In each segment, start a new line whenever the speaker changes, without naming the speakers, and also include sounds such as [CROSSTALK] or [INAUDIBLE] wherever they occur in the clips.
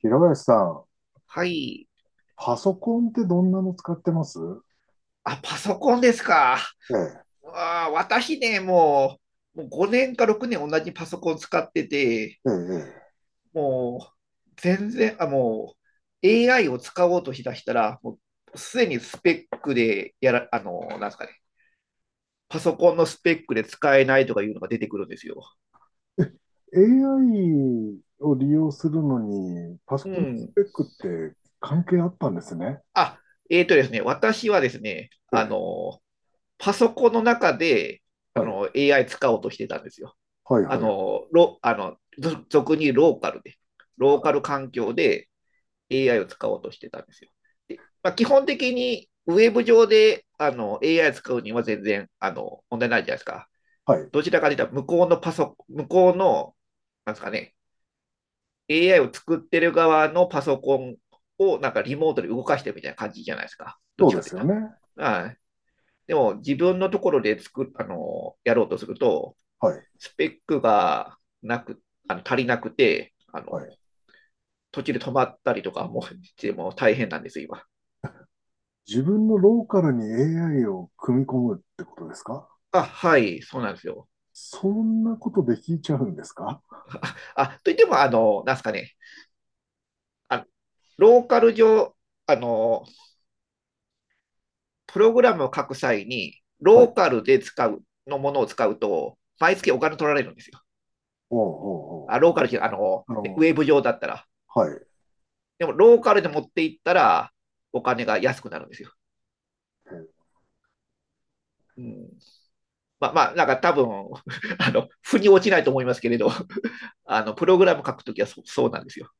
平林さん、
はい。
パソコンってどんなの使ってます？
パソコンですか。
ええ、
私ね、もう5年か6年同じパソコン使ってて、
ええ、
もう、全然、あ、もAI を使おうとしだしたら、もう、すでにスペックでやら、あの、なんですかね、パソコンのスペックで使えないとかいうのが出てくるんですよ。
ええ。AI を利用するのに、パソ
う
コンのス
ん。
ペックって関係あったんですね。
あ、えーとですね、私はですね、
ええ、
パソコンの中で、
はい、
AI 使おうとしてたんですよ。
はい、
あ
はい、はい、
の、ロあの俗にローカルで、ローカル環境で AI を使おうとしてたんですよ。で基本的にウェブ上でAI 使うには全然問題ないじゃないですか。
はい、
どちらかというと、向こうの、なんですかね、AI を作ってる側のパソコンをなんかリモートで動かしてるみたいな感じじゃないですか。どっ
そ
ち
うで
かとい
す
うと。
よね。
はい。でも自分のところで作あのやろうとすると、
はい、
スペックがなく、あの足りなくて、
はい。
途中で止まったりとかもしても大変なんですよ、今。
自分のローカルに AI を組み込むってことですか？
あ、はい、そうなんですよ。
そんなことできちゃうんですか？
あ、といっても、あの、なんですかね、あローカル上、あの、プログラムを書く際に、
は
ロ
い、
ーカルで使うのものを使うと、毎月お金取られるんですよ。
おう
あ、ロ
お
ーカルじゃ、あの、
うおうおう、
ねウェブ上だったら。
はい、
でも、ローカルで持っていったら、お金が安くなるんですよ。
ええ。
うん。まあまあ、なんか多分、[LAUGHS] 腑に落ちないと思いますけれど、プログラム書くときはそうなんですよ。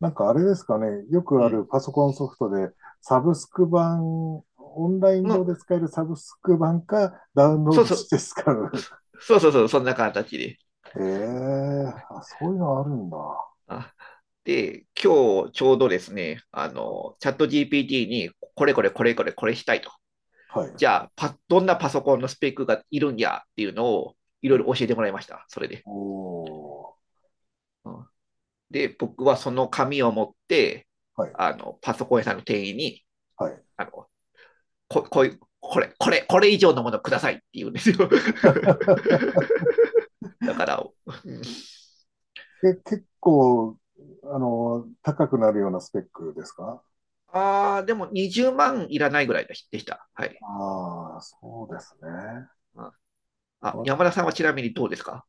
なんかあれですかね、よく
う
ある
ん。
パソコンソフトで、サブスク版、オンライン上
の
で使えるサブスク版か、ダウンロー
そう
ド
そ
し
う、
て使う。
そうそう、そんな形で。
[LAUGHS] ええ、あ、そういうのあるんだ。
あ今日ちょうどですね、チャット GPT に、これこれこれこれこれしたいと。
はい。
じゃあどんなパソコンのスペックがいるんやっていうのをいろいろ教
え、
えてもらいました、それで。
おー、
うん、で、僕はその紙を持って、
はい、
パソコン屋さんの店員に、
はい。
あの、ここういう、これ、これ、これ以上のものくださいって言うんですよ。[LAUGHS] だから、うん
え、結構、高くなるようなスペックですか？
ああ、でも20万いらないぐらいでした。はい。
ああ、そうですね。
あ、
わ
山田さんはちなみにどうですか？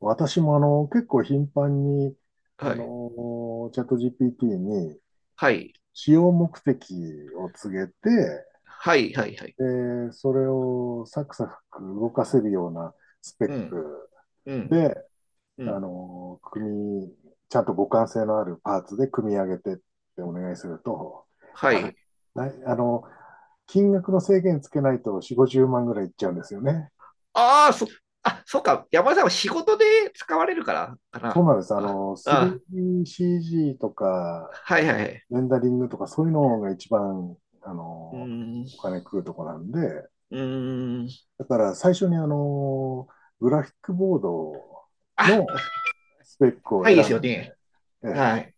私も結構頻繁に、
はい。
チャット GPT に、
はい。
使用目的を告げて、
はい、はい、はい。
で、それをサクサク動かせるようなスペッ
うん、
ク
うん、
で、
う
あ
ん。
の、組ちゃんと互換性のあるパーツで組み上げてってお願いすると、
は
な
い。
[LAUGHS] あの、金額の制限つけないと4、50万ぐらいいっちゃうんですよね。
ああ、そ、そうか。山田さんは仕事で使われるから、か
そう
な。
なんです。
あ、あ、
3CG とか、
はい、はい、はい。
レンダリングとかそういうのが一番、あ
うー
の、
ん、
お金食うとこなんで、
うーん。
だから最初にグラフィックボード
あ、
のスペックを
高い
選
ですよ
んで、
ね。
え
は
え、
い。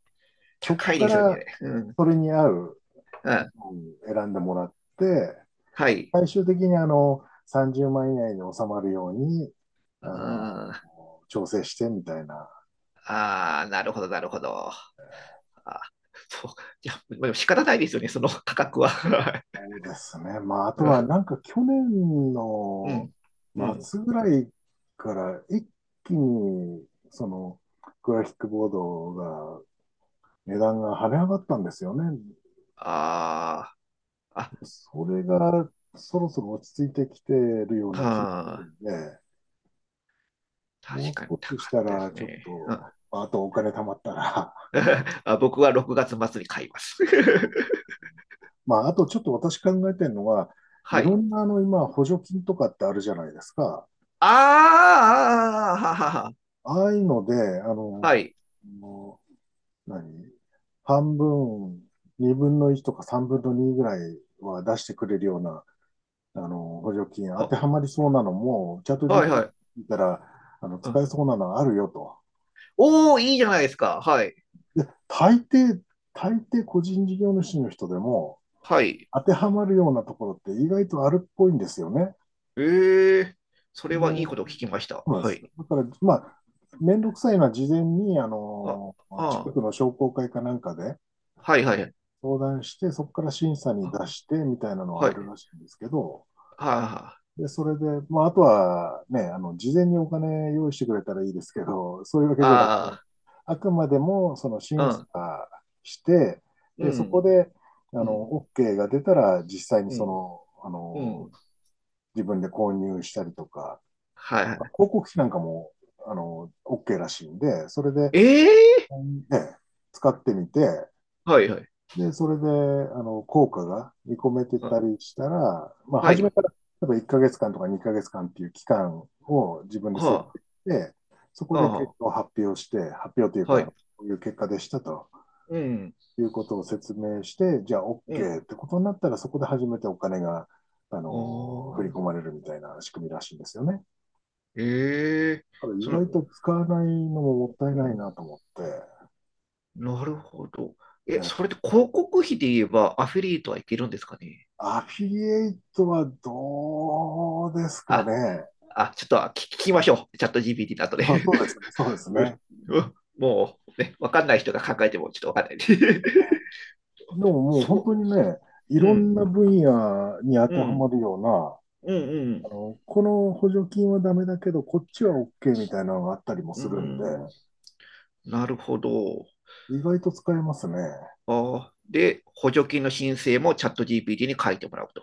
そこ
高い
か
ですよ
ら
ね。うん、
それに合う
うん。
のを選んでもらって、
はい。
最終的に30万以内に収まるように、
あ
あの、
ー
調整してみたいな。
なるほど、なるほど。あそう。いや、までも仕方ないですよね、その価格は。[LAUGHS]
そうですね。まあ、あとはなんか去年
う
の
ん。うん。
末ぐらいから一気に、グラフィックボードが値段が跳ね上がったんですよね。
ああ、
それがそろそろ落ち着いてきてるような気もする
あ、
ん
あ
で、
ー、
もう
確かに
少
高
しし
かっ
た
たで
ら
す
ちょっ
ね。うん、
と、まあとお金貯まったら、
[LAUGHS] 僕は6月末に買います。
[LAUGHS] まああとちょっと私考えてるのは、
[LAUGHS]
い
は
ろ
い。
んな今補助金とかってあるじゃないですか。
ああははは。
ああいうので、
はい。
もう何半分、2分の1とか3分の2ぐらいは出してくれるような補助金当
は、
てはまりそうなのも、チャット
はい
GPT
はい。
見たら、
う
使
ん、
えそうなのあるよと。
おー、いいじゃないですか。はい。
大抵、大抵個人事業主の人でも、
はい。
当てはまるようなところって意外とあるっぽいんですよね。
ええ、それ
で、
はい
そ
いことを聞きました。
うなんで
は
す。
い。
だから、まあ、めんどくさいのは事前に、
あ、あ
近
ー、
くの商工会かなんかで
はいはい。
相談して、そこから審査に出
あ、
してみたいなのは
は
あ
い。
るらしいんですけど、
はあ、
で、それで、まあ、あとはね、事前にお金用意してくれたらいいですけど、[LAUGHS] そういうわけじゃなくて、
あ
あくまでも、その
あ、
審
う
査
ん。
して、
う
で、そこ
ん、
で、
うん、
OK が出たら、実際に
うん、うん。
自分で購入したりとか、
はい
まあ
は
広告費なんかも、OK らしいんで、それで、
い。ええ、
ね、使ってみて、
はいはい。
で、それで、効果が見込めて
あ、
たりしたら、まあ、
は
初め
い。
から、例えば1ヶ月間とか2ヶ月間っていう期間を自分で設
は
定して、そこ
あ、は
で
あ、
結
は
果を発表して、発表という
は
か、
い。
こういう結果でしたと
うん、
いうことを説明して、じゃあ
うん。
OK ってことになったら、そこで初めてお金が、
あ
振り込
あ、
まれるみたいな仕組みらしいんですよね。だ
ええ、
から意
そ
外
の、
と使わないのももったい
う
ない
ん、
なと思って、
なるほど。え、
ね、
それって広告費で言えばアフィリエイトはいけるんですかね？
アフィリエイトはどうですか
あ、
ね。
ちょっと聞き聞きましょう。チャット GPT の後で。
あ、そうですね、そうで
[LAUGHS]
す
うん
ね。
うんもうね、わかんない人が考えてもちょっとわかんないんで。[LAUGHS]
でももう本当
そ
にね、い
う、う
ろ
ん、
んな分野に当
う
てはま
ん、
るような、
うん、
この補助金はダメだけど、こっちは OK みたいなのがあったりも
う
するんで、
ん、うーん、なるほど。
意外と使えますね。
で、補助金の申請もチャット GPT に書いてもらうと。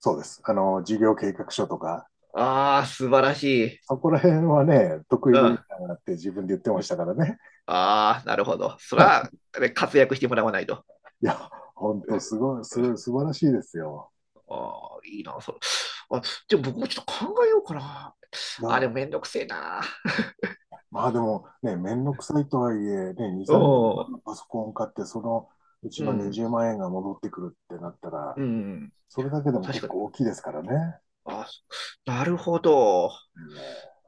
そうです。事業計画書とか、
ああ、素晴らしい。
そこら辺はね、得意
うん。
分
あ
野だって自分で言ってましたからね。
あ、なるほど。そら、
[LAUGHS]
ね、活躍してもらわないと。
いや、本当す
[LAUGHS]
ごい、すごい、素晴らしいですよ。
ああ、いいな、それ。あ、でも僕もちょっと考えようかな。あれ、で
な、
もめんどくせえな。
まあでもね、めんどくさいとはいえ、ね、2、
[LAUGHS] お
30万
お、
のパソコン買って、そのうち
う
の
ん、
20万円が戻ってくるってなったら、
うん。
それだけで
あ、
も
確
結
か
構
に。
大きいですからね。
あ、なるほど。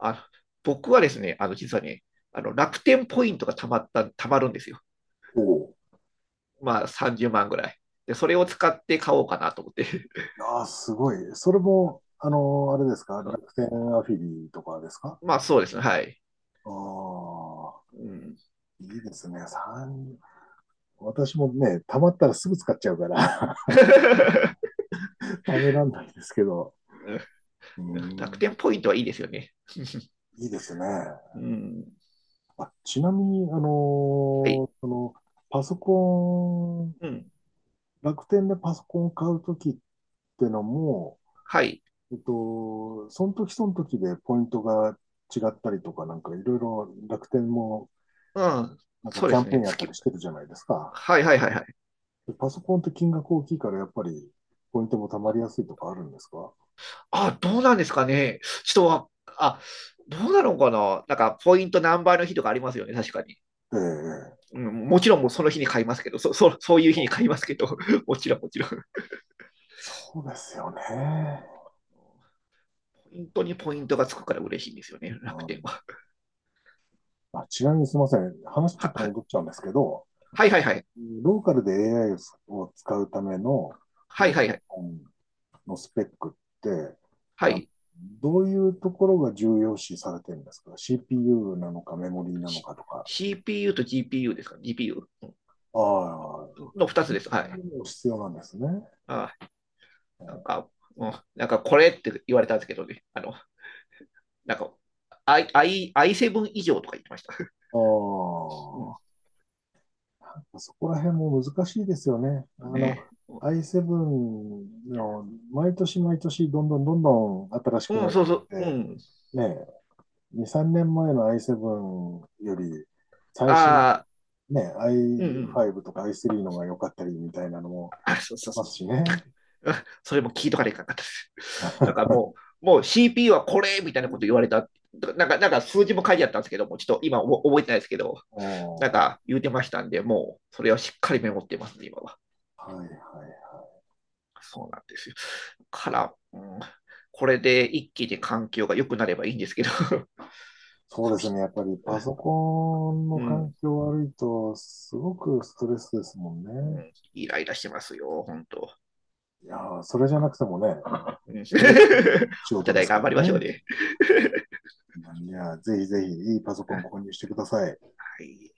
あ、僕はですね、実はね、楽天ポイントがたまるんですよ。
うん、おう、
まあ30万ぐらい。で、それを使って買おうかなと思って。
ああ、すごい。それも、あれですか、楽
[LAUGHS]
天アフィリとかですか？
まあそうですね、はい。
ああ、
うん、
いいですね。3、私もね、貯まったらすぐ使っちゃうから [LAUGHS] 貯めらんないですけど、う
[LAUGHS] 楽
ん、
天ポイントはいいですよね。[LAUGHS]
いいですね。
うん、
あ、ちなみに、
はい、
パソコン、
うん、
楽天でパソコンを買うときってのも、
はい、
その時その時でポイントが違ったりとか、なんかいろいろ楽天も
うん、
なんか
そう
キ
で
ャン
す
ペー
ね、
ンやったり
月。
してるじゃないですか。
はいはいはいはい。
でパソコンって金額大きいからやっぱりポイントも貯ま
あ、
りやすいとかあるんですか？
どうなんですかね。人は、あ、どうなのかな。なんか、ポイント何倍の日とかありますよね、確かに。
ええ、
うん、もちろんもうその日に買いますけど、[LAUGHS] そういう日に買いますけど、[LAUGHS] もちろんもちろん。
そうですよね。
本当にポイントがつくから嬉しいんですよね、
う
楽天
ん。
は。
あ、ちなみにすみません。話ちょっと
は、
戻っ
[LAUGHS]
ちゃうんですけど、
はいはいはい。
ローカルで AI を使うための、そ
はい
の、
はいはい。
のスペックって、
は
あの
い。
どういうところが重要視されてるんですか？ CPU なのかメモリーなのかとか。
CPU と GPU ですか？ GPU
ああ、
の2つです。はい。
必要なんですね。
あー、なんか、うん、なんかこれって言われたんですけどね。なんか、i7 以上とか言ってました。[LAUGHS]
あ
う
あ、そこら辺も難しいですよね。
ん。ね。
I7 の毎年毎年どんどんどんどん新しく
う
な
ん、
っ
そう
てっ
そう。う
て、
ん。
ね、2、3年前の i7 より、最新、
ああ、
ね、
うんうん。
i5 とか i3 の方が良かったりみたいなのも
あ、そう
あ
そ
り
うそ
ま
う。
すしね。
[LAUGHS] それも聞いとかれいかんかったです。だからもう CPU はこれみたいなこと言われた。なんか数字も書いてあったんですけども、ちょっと今覚えてないですけど、なん
お
か言うてましたんで、もうそれはしっかりメモってますね、今は。
はいはい。
そうなんですよ。から、うん、これで一気に環境が良くなればいいんですけど、[LAUGHS]
そうで
そ
すね。
し、
やっぱりパソコンの
う
環
ん、
境悪いと、すごくストレスですもん
う
ね。
ん、イライラしてますよ、本当。
いやー、それじゃなくてもね、
うん、
それが
[LAUGHS]
仕
お
事で
互い
すか
頑張りまし
ら
ょう
ね。
ね。
いや、ぜひぜひいいパソコン購入
[LAUGHS]
してください。
はい。